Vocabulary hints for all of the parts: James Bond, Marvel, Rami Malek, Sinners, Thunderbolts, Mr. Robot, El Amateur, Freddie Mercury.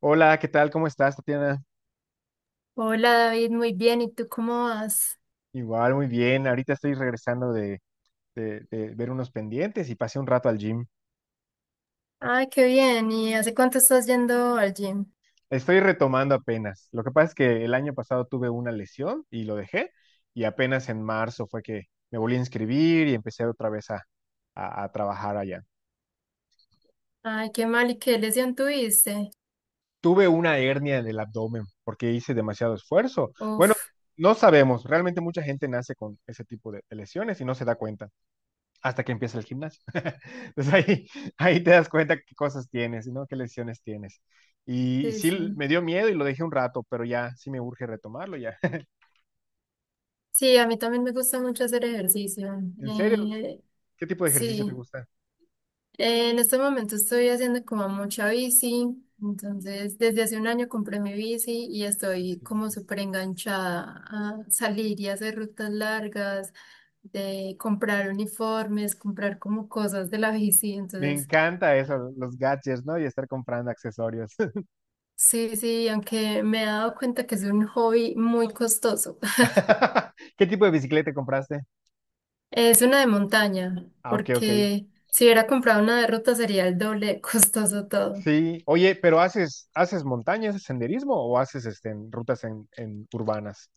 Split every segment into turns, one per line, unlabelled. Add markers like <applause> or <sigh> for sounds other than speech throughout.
Hola, ¿qué tal? ¿Cómo estás, Tatiana?
Hola David, muy bien. ¿Y tú cómo vas?
Igual, muy bien. Ahorita estoy regresando de ver unos pendientes y pasé un rato al gym.
Ay, qué bien. ¿Y hace cuánto estás yendo al gym?
Estoy retomando apenas. Lo que pasa es que el año pasado tuve una lesión y lo dejé y apenas en marzo fue que me volví a inscribir y empecé otra vez a trabajar allá.
Ay, qué mal. ¿Y qué lesión tuviste?
Tuve una hernia en el abdomen porque hice demasiado esfuerzo. Bueno,
Uf,
no sabemos. Realmente mucha gente nace con ese tipo de lesiones y no se da cuenta hasta que empieza el gimnasio. <laughs> Entonces ahí te das cuenta qué cosas tienes, ¿no? Qué lesiones tienes. Y
sí,
sí,
sí.
me dio miedo y lo dejé un rato, pero ya sí me urge retomarlo ya. <laughs>
Sí, a mí también me gusta mucho hacer ejercicio.
En serio, ¿qué tipo de ejercicio te
Sí,
gusta?
En este momento estoy haciendo como mucha bici. Entonces, desde hace un año compré mi bici y
Ah,
estoy como
excelente.
súper enganchada a salir y hacer rutas largas, de comprar uniformes, comprar como cosas de la bici.
Me
Entonces,
encanta eso, los gadgets, ¿no? Y estar comprando accesorios.
sí, sí, aunque me he dado cuenta que es un hobby muy costoso. <laughs>
<laughs> ¿Qué tipo de bicicleta compraste?
Es una de montaña,
Ah, ok, ok.
porque si hubiera comprado una de ruta sería el doble <laughs> de costoso todo.
Sí, oye, pero ¿haces montañas, haces senderismo o haces en rutas en urbanas?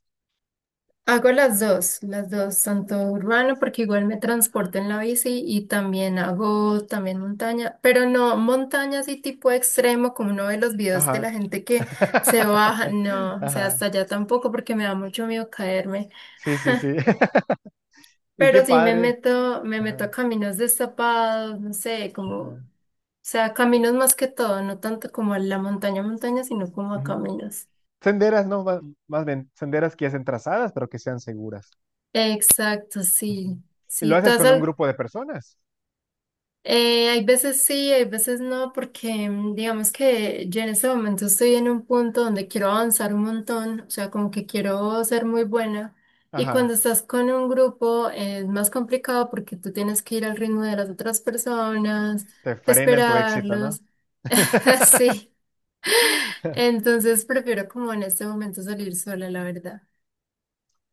Hago las dos, tanto urbano porque igual me transporto en la bici y también hago también montaña, pero no montaña así tipo extremo como uno ve los videos de la
Ajá.
gente que se baja, no,
<laughs>
o sea,
Ajá.
hasta allá tampoco porque me da mucho miedo caerme.
Sí, sí, sí. <laughs> Y qué
Pero sí me
padre.
meto, me meto a
Ajá,
caminos destapados, no sé, como, o
ajá.
sea, caminos más que todo, no tanto como a la montaña, montaña, sino como a
Ujú.
caminos.
Senderas, no, más bien, senderas que ya estén trazadas, pero que sean seguras.
Exacto, sí.
Ujú. Y lo
Sí, ¿tú
haces
has,
con un
al-
grupo de personas.
Hay veces sí, hay veces no, porque digamos que yo en este momento estoy en un punto donde quiero avanzar un montón, o sea, como que quiero ser muy buena. Y
Ajá.
cuando estás con un grupo es más complicado porque tú tienes que ir al ritmo de las otras personas,
Te frenan tu éxito, ¿no?
esperarlos. <laughs>
<laughs>
Sí, entonces prefiero como en este momento salir sola, la verdad.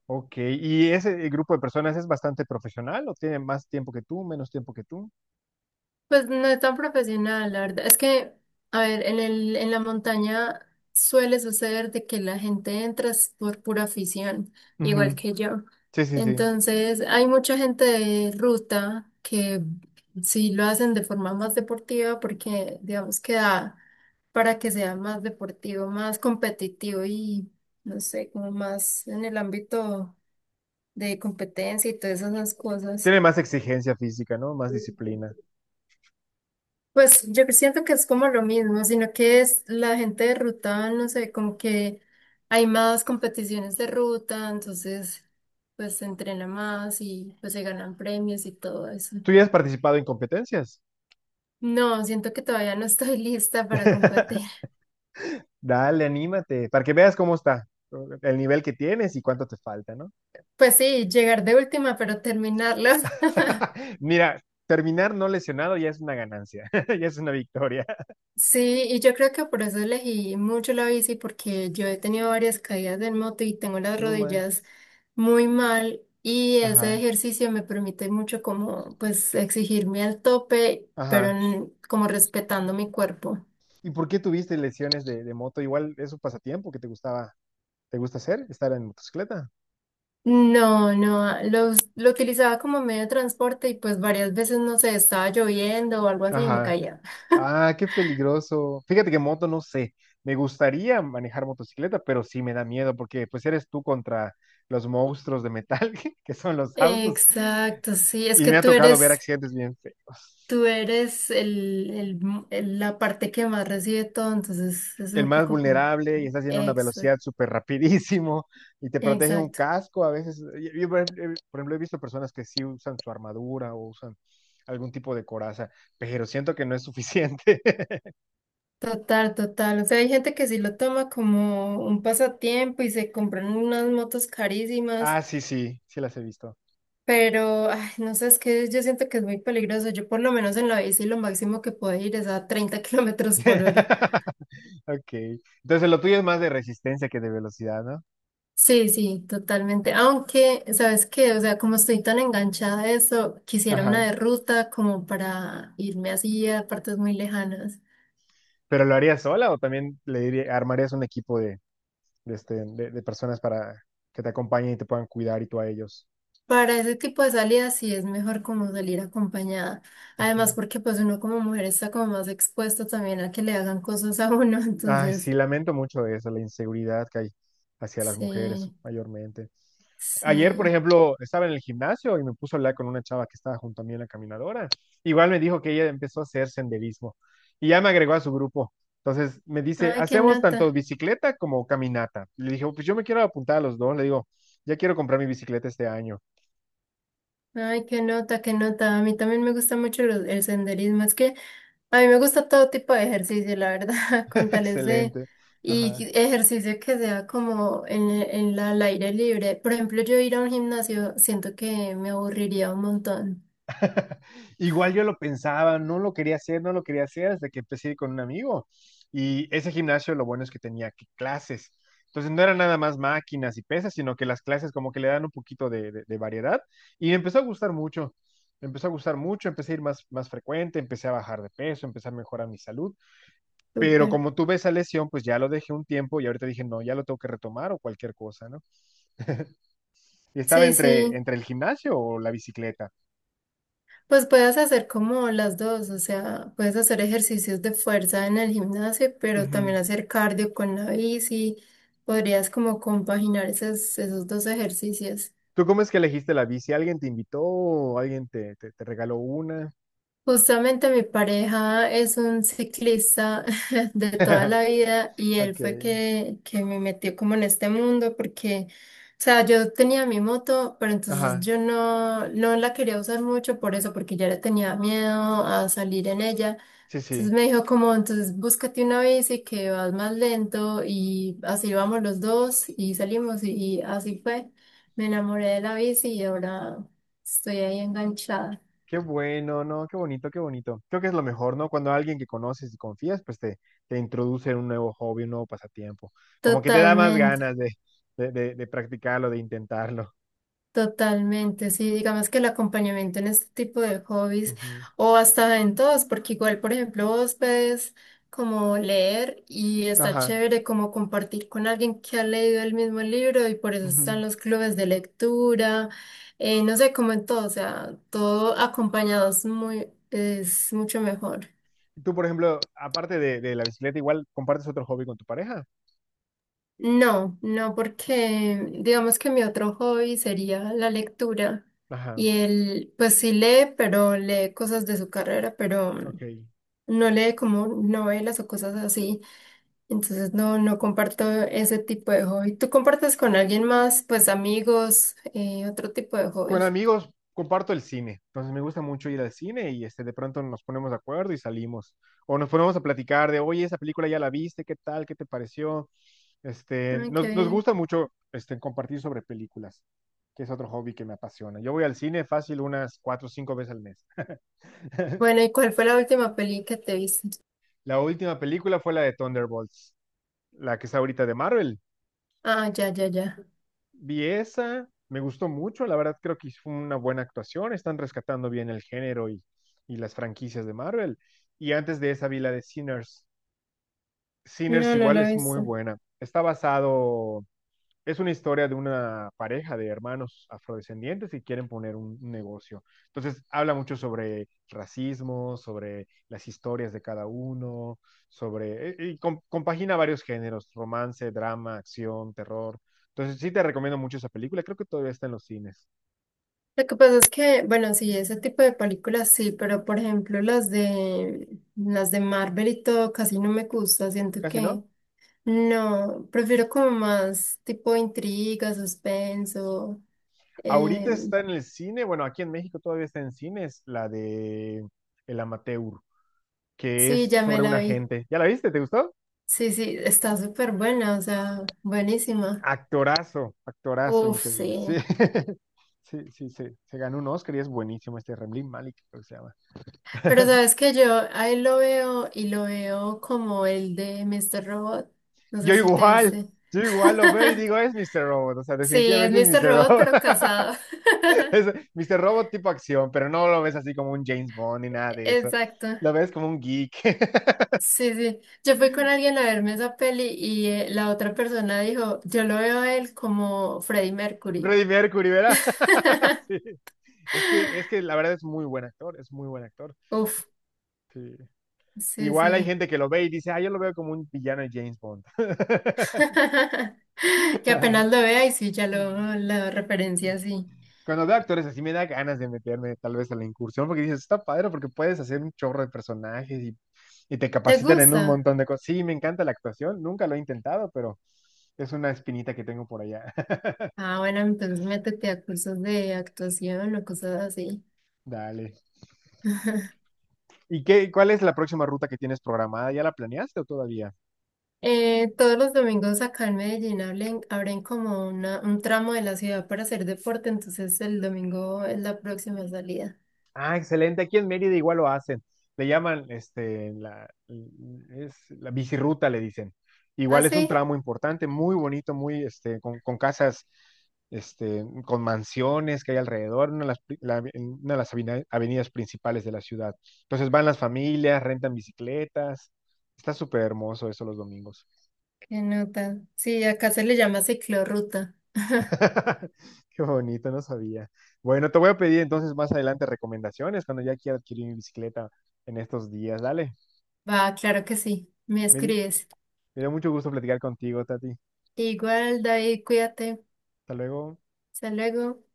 Ok. ¿Y ese grupo de personas es bastante profesional o tiene más tiempo que tú, menos tiempo que tú?
Pues no es tan profesional, la verdad. Es que, a ver, en la montaña suele suceder de que la gente entra es por pura afición, igual
Ujú.
que yo.
Sí, sí, sí.
Entonces, hay mucha gente de ruta que sí lo hacen de forma más deportiva porque, digamos, que da para que sea más deportivo, más competitivo y, no sé, como más en el ámbito de competencia y todas esas cosas.
Tiene más exigencia física, ¿no? Más disciplina.
Pues yo siento que es como lo mismo, sino que es la gente de ruta, no sé, como que hay más competiciones de ruta, entonces pues se entrena más y pues se ganan premios y todo eso.
¿Tú ya has participado en competencias?
No, siento que todavía no estoy <laughs> lista para competir.
<laughs> Dale, anímate, para que veas cómo está el nivel que tienes y cuánto te falta, ¿no?
Pues sí, llegar de última, pero terminarlo. <laughs>
<laughs> Mira, terminar no lesionado ya es una ganancia, <laughs> ya es una victoria.
Sí, y yo creo que por eso elegí mucho la bici, porque yo he tenido varias caídas en moto y tengo las
No
rodillas
manches.
muy mal y ese
Ajá,
ejercicio me permite mucho como pues exigirme al tope, pero
ajá.
como respetando mi cuerpo.
¿Y por qué tuviste lesiones de moto? Igual es un pasatiempo que te gustaba, te gusta hacer, estar en motocicleta.
No, lo utilizaba como medio de transporte y pues varias veces, no sé, estaba lloviendo o algo así y me
Ajá.
caía. <laughs>
Ah, qué peligroso. Fíjate que moto no sé. Me gustaría manejar motocicleta, pero sí me da miedo porque pues eres tú contra los monstruos de metal <laughs> que son los autos.
Exacto, sí, es
Y
que
me ha
tú
tocado ver
eres.
accidentes bien feos.
La parte que más recibe todo, entonces es
El
un
más
poco como...
vulnerable y está haciendo una velocidad
Exacto,
súper rapidísimo y te protege un
exacto.
casco. A veces, yo, por ejemplo, he visto personas que sí usan su armadura o usan algún tipo de coraza, pero siento que no es suficiente. <laughs>
Total, total. O sea, hay gente que sí lo toma como un pasatiempo y se compran unas motos carísimas,
Ah, sí, sí, sí las he visto.
pero ay, no sé, es que yo siento que es muy peligroso. Yo por lo menos en la bici lo máximo que puedo ir es a 30 <laughs> kilómetros por hora.
<laughs> Ok. Entonces lo tuyo es más de resistencia que de velocidad, ¿no?
Sí, sí, totalmente. Aunque, ¿sabes qué? O sea, como estoy tan enganchada a eso, quisiera una
Ajá.
de ruta como para irme así a partes muy lejanas.
¿Pero lo harías sola o también armarías un equipo de personas para que te acompañen y te puedan cuidar y tú a ellos?
Para ese tipo de salidas sí es mejor como salir acompañada. Además, porque pues uno como mujer está como más expuesto también a que le hagan cosas a uno. <laughs>
Ay, sí,
Entonces,
lamento mucho eso, la inseguridad que hay hacia las mujeres
sí,
mayormente. Ayer, por
sí.
ejemplo, estaba en el gimnasio y me puso a hablar con una chava que estaba junto a mí en la caminadora. Igual me dijo que ella empezó a hacer senderismo y ya me agregó a su grupo. Entonces me dice,
Ay, qué
hacemos tanto
nota.
bicicleta como caminata. Le dije, "Oh, pues yo me quiero apuntar a los dos. Le digo, ya quiero comprar mi bicicleta este año.
Ay, qué nota, qué nota. A mí también me gusta mucho el senderismo. Es que a mí me gusta todo tipo de ejercicio, la verdad, <laughs> con
<laughs>
tales de...
Excelente. Ajá.
Ejercicio que sea como al aire libre. Por ejemplo, yo ir a un gimnasio siento que me aburriría un montón.
<laughs> Igual yo lo pensaba, no lo quería hacer, no lo quería hacer hasta que empecé a ir con un amigo. Y ese gimnasio lo bueno es que tenía clases. Entonces no era nada más máquinas y pesas, sino que las clases como que le dan un poquito de variedad. Y me empezó a gustar mucho, me empezó a gustar mucho, empecé a ir más frecuente, empecé a bajar de peso, empecé a mejorar mi salud. Pero
Súper.
como tuve esa lesión, pues ya lo dejé un tiempo y ahorita dije, no, ya lo tengo que retomar o cualquier cosa, ¿no? Y estaba
Sí,
entre,
sí.
entre el gimnasio o la bicicleta.
Pues puedes hacer como las dos, o sea, puedes hacer ejercicios de fuerza en el gimnasio, pero
Ujú.
también hacer cardio con la bici. Podrías como compaginar esos dos ejercicios.
¿Tú cómo es que elegiste la bici? ¿Alguien te invitó o alguien te regaló una?
Justamente mi pareja es un ciclista <laughs> de toda
<laughs>
la vida y él
Ok,
fue que me metió como en este mundo porque, o sea, yo tenía mi moto, pero entonces
ajá,
yo no, no la quería usar mucho por eso, porque ya le tenía miedo a salir en ella.
sí,
Entonces
sí.
me dijo como, entonces búscate una bici que vas más lento y así vamos los dos y salimos y así fue. Me enamoré de la bici y ahora estoy ahí enganchada.
Qué bueno, ¿no? Qué bonito, qué bonito. Creo que es lo mejor, ¿no? Cuando alguien que conoces y confías, pues te introduce en un nuevo hobby, un nuevo pasatiempo. Como que te da más
Totalmente.
ganas de practicarlo, de intentarlo.
Totalmente, sí, digamos que el acompañamiento en este tipo de hobbies
Ujú.
o hasta en todos, porque igual, por ejemplo, vos puedes como leer y está
Ajá.
chévere como compartir con alguien que ha leído el mismo libro y por eso
Ujú.
están los clubes de lectura, no sé, como en todo, o sea, todo acompañado es muy, es mucho mejor.
Tú, por ejemplo, aparte de la bicicleta, igual compartes otro hobby con tu pareja.
No, no, porque digamos que mi otro hobby sería la lectura.
Ajá,
Y él, pues sí lee, pero lee cosas de su carrera, pero
ok.
no lee como novelas o cosas así. Entonces no, no comparto ese tipo de hobby. ¿Tú compartes con alguien más, pues amigos, otro tipo de
Con
hobbies?
amigos comparto el cine, entonces me gusta mucho ir al cine y de pronto nos ponemos de acuerdo y salimos. O nos ponemos a platicar de, oye, esa película ya la viste, ¿qué tal? ¿Qué te pareció? Este,
Ay, qué
nos, nos
bien.
gusta mucho compartir sobre películas, que es otro hobby que me apasiona. Yo voy al cine fácil unas cuatro o cinco veces al mes.
Bueno, ¿y cuál fue la última peli que te viste?
La última película fue la de Thunderbolts, la que está ahorita de Marvel.
Ah, ya, ya, ya.
Vi esa, me gustó mucho, la verdad creo que fue una buena actuación, están rescatando bien el género y las franquicias de Marvel. Y antes de esa vi la de Sinners. Sinners
No, no
igual
la he
es muy
visto.
buena. Está basado es una historia de una pareja de hermanos afrodescendientes que quieren poner un negocio. Entonces, habla mucho sobre racismo, sobre las historias de cada uno, y compagina varios géneros, romance, drama, acción, terror. Entonces, sí te recomiendo mucho esa película. Creo que todavía está en los cines.
Lo que pasa es que, bueno, sí, ese tipo de películas sí, pero por ejemplo las de Marvel y todo casi no me gusta, siento
Casi
que
no.
no, prefiero como más tipo intriga, suspenso. Eh,
Ahorita está en el cine, bueno, aquí en México todavía está en cines, la de El Amateur, que
sí,
es
ya me
sobre un
la vi.
agente. ¿Ya la viste? ¿Te gustó?
Sí, sí, está súper buena, o sea, buenísima.
Actorazo, actorazo,
Uf,
increíble. Sí,
sí.
<laughs> sí, sí, sí. Se ganó un Oscar y es buenísimo este Rembling Malik, creo que se llama.
Pero
<laughs>
sabes que yo ahí lo veo y lo veo como el de Mr. Robot. No
Yo
sé si te
igual,
viste.
yo igual lo veo y
<laughs>
digo, es Mr. Robot, o sea,
Sí, es
definitivamente es
Mr.
Mr.
Robot,
Robot.
pero
<laughs>
casado. <laughs>
Es Mr. Robot tipo acción, pero no lo ves así como un James Bond ni nada de eso.
Exacto.
Lo ves como un geek. <laughs>
Sí, sí. Yo fui con alguien a verme esa peli y la otra persona dijo, yo lo veo a él como Freddie Mercury.
Freddie Mercury, ¿verdad? <laughs>
<laughs>
Sí. Es que la verdad es muy buen actor, es muy buen actor.
Uf,
Sí.
sí,
Igual hay
sí.
gente que lo ve y dice, ah, yo lo veo como un villano de James Bond.
<laughs> Que apenas
<laughs>
lo vea y sí, ya
Mm.
lo, la referencia sí.
Cuando veo actores así me da ganas de meterme tal vez a la incursión porque dices, está padre porque puedes hacer un chorro de personajes y te
¿Te
capacitan en un
gusta?
montón de cosas. Sí, me encanta la actuación, nunca lo he intentado, pero es una espinita que tengo por allá. <laughs>
Ah, bueno, entonces métete a cursos de actuación o cosas así.
Dale.
<laughs>
¿Y qué, cuál es la próxima ruta que tienes programada? ¿Ya la planeaste o todavía?
Todos los domingos acá en Medellín abren, abren como una, un tramo de la ciudad para hacer deporte, entonces el domingo es la próxima salida.
Ah, excelente. Aquí en Mérida igual lo hacen. Le llaman, es la bicirruta, le dicen.
Ah,
Igual es
sí,
un tramo importante, muy bonito, muy con casas, con mansiones que hay alrededor, una de las, pri- la- en una de las avenidas principales de la ciudad. Entonces van las familias, rentan bicicletas. Está súper hermoso eso los domingos.
qué nota. Sí, acá se le llama ciclorruta. <laughs>
<laughs> Qué bonito, no sabía. Bueno, te voy a pedir entonces más adelante recomendaciones cuando ya quiera adquirir mi bicicleta en estos días. Dale.
Va, claro que sí, me
Me- Me
escribes.
dio mucho gusto platicar contigo, Tati.
Igual, David, cuídate.
Hasta luego.
Hasta luego.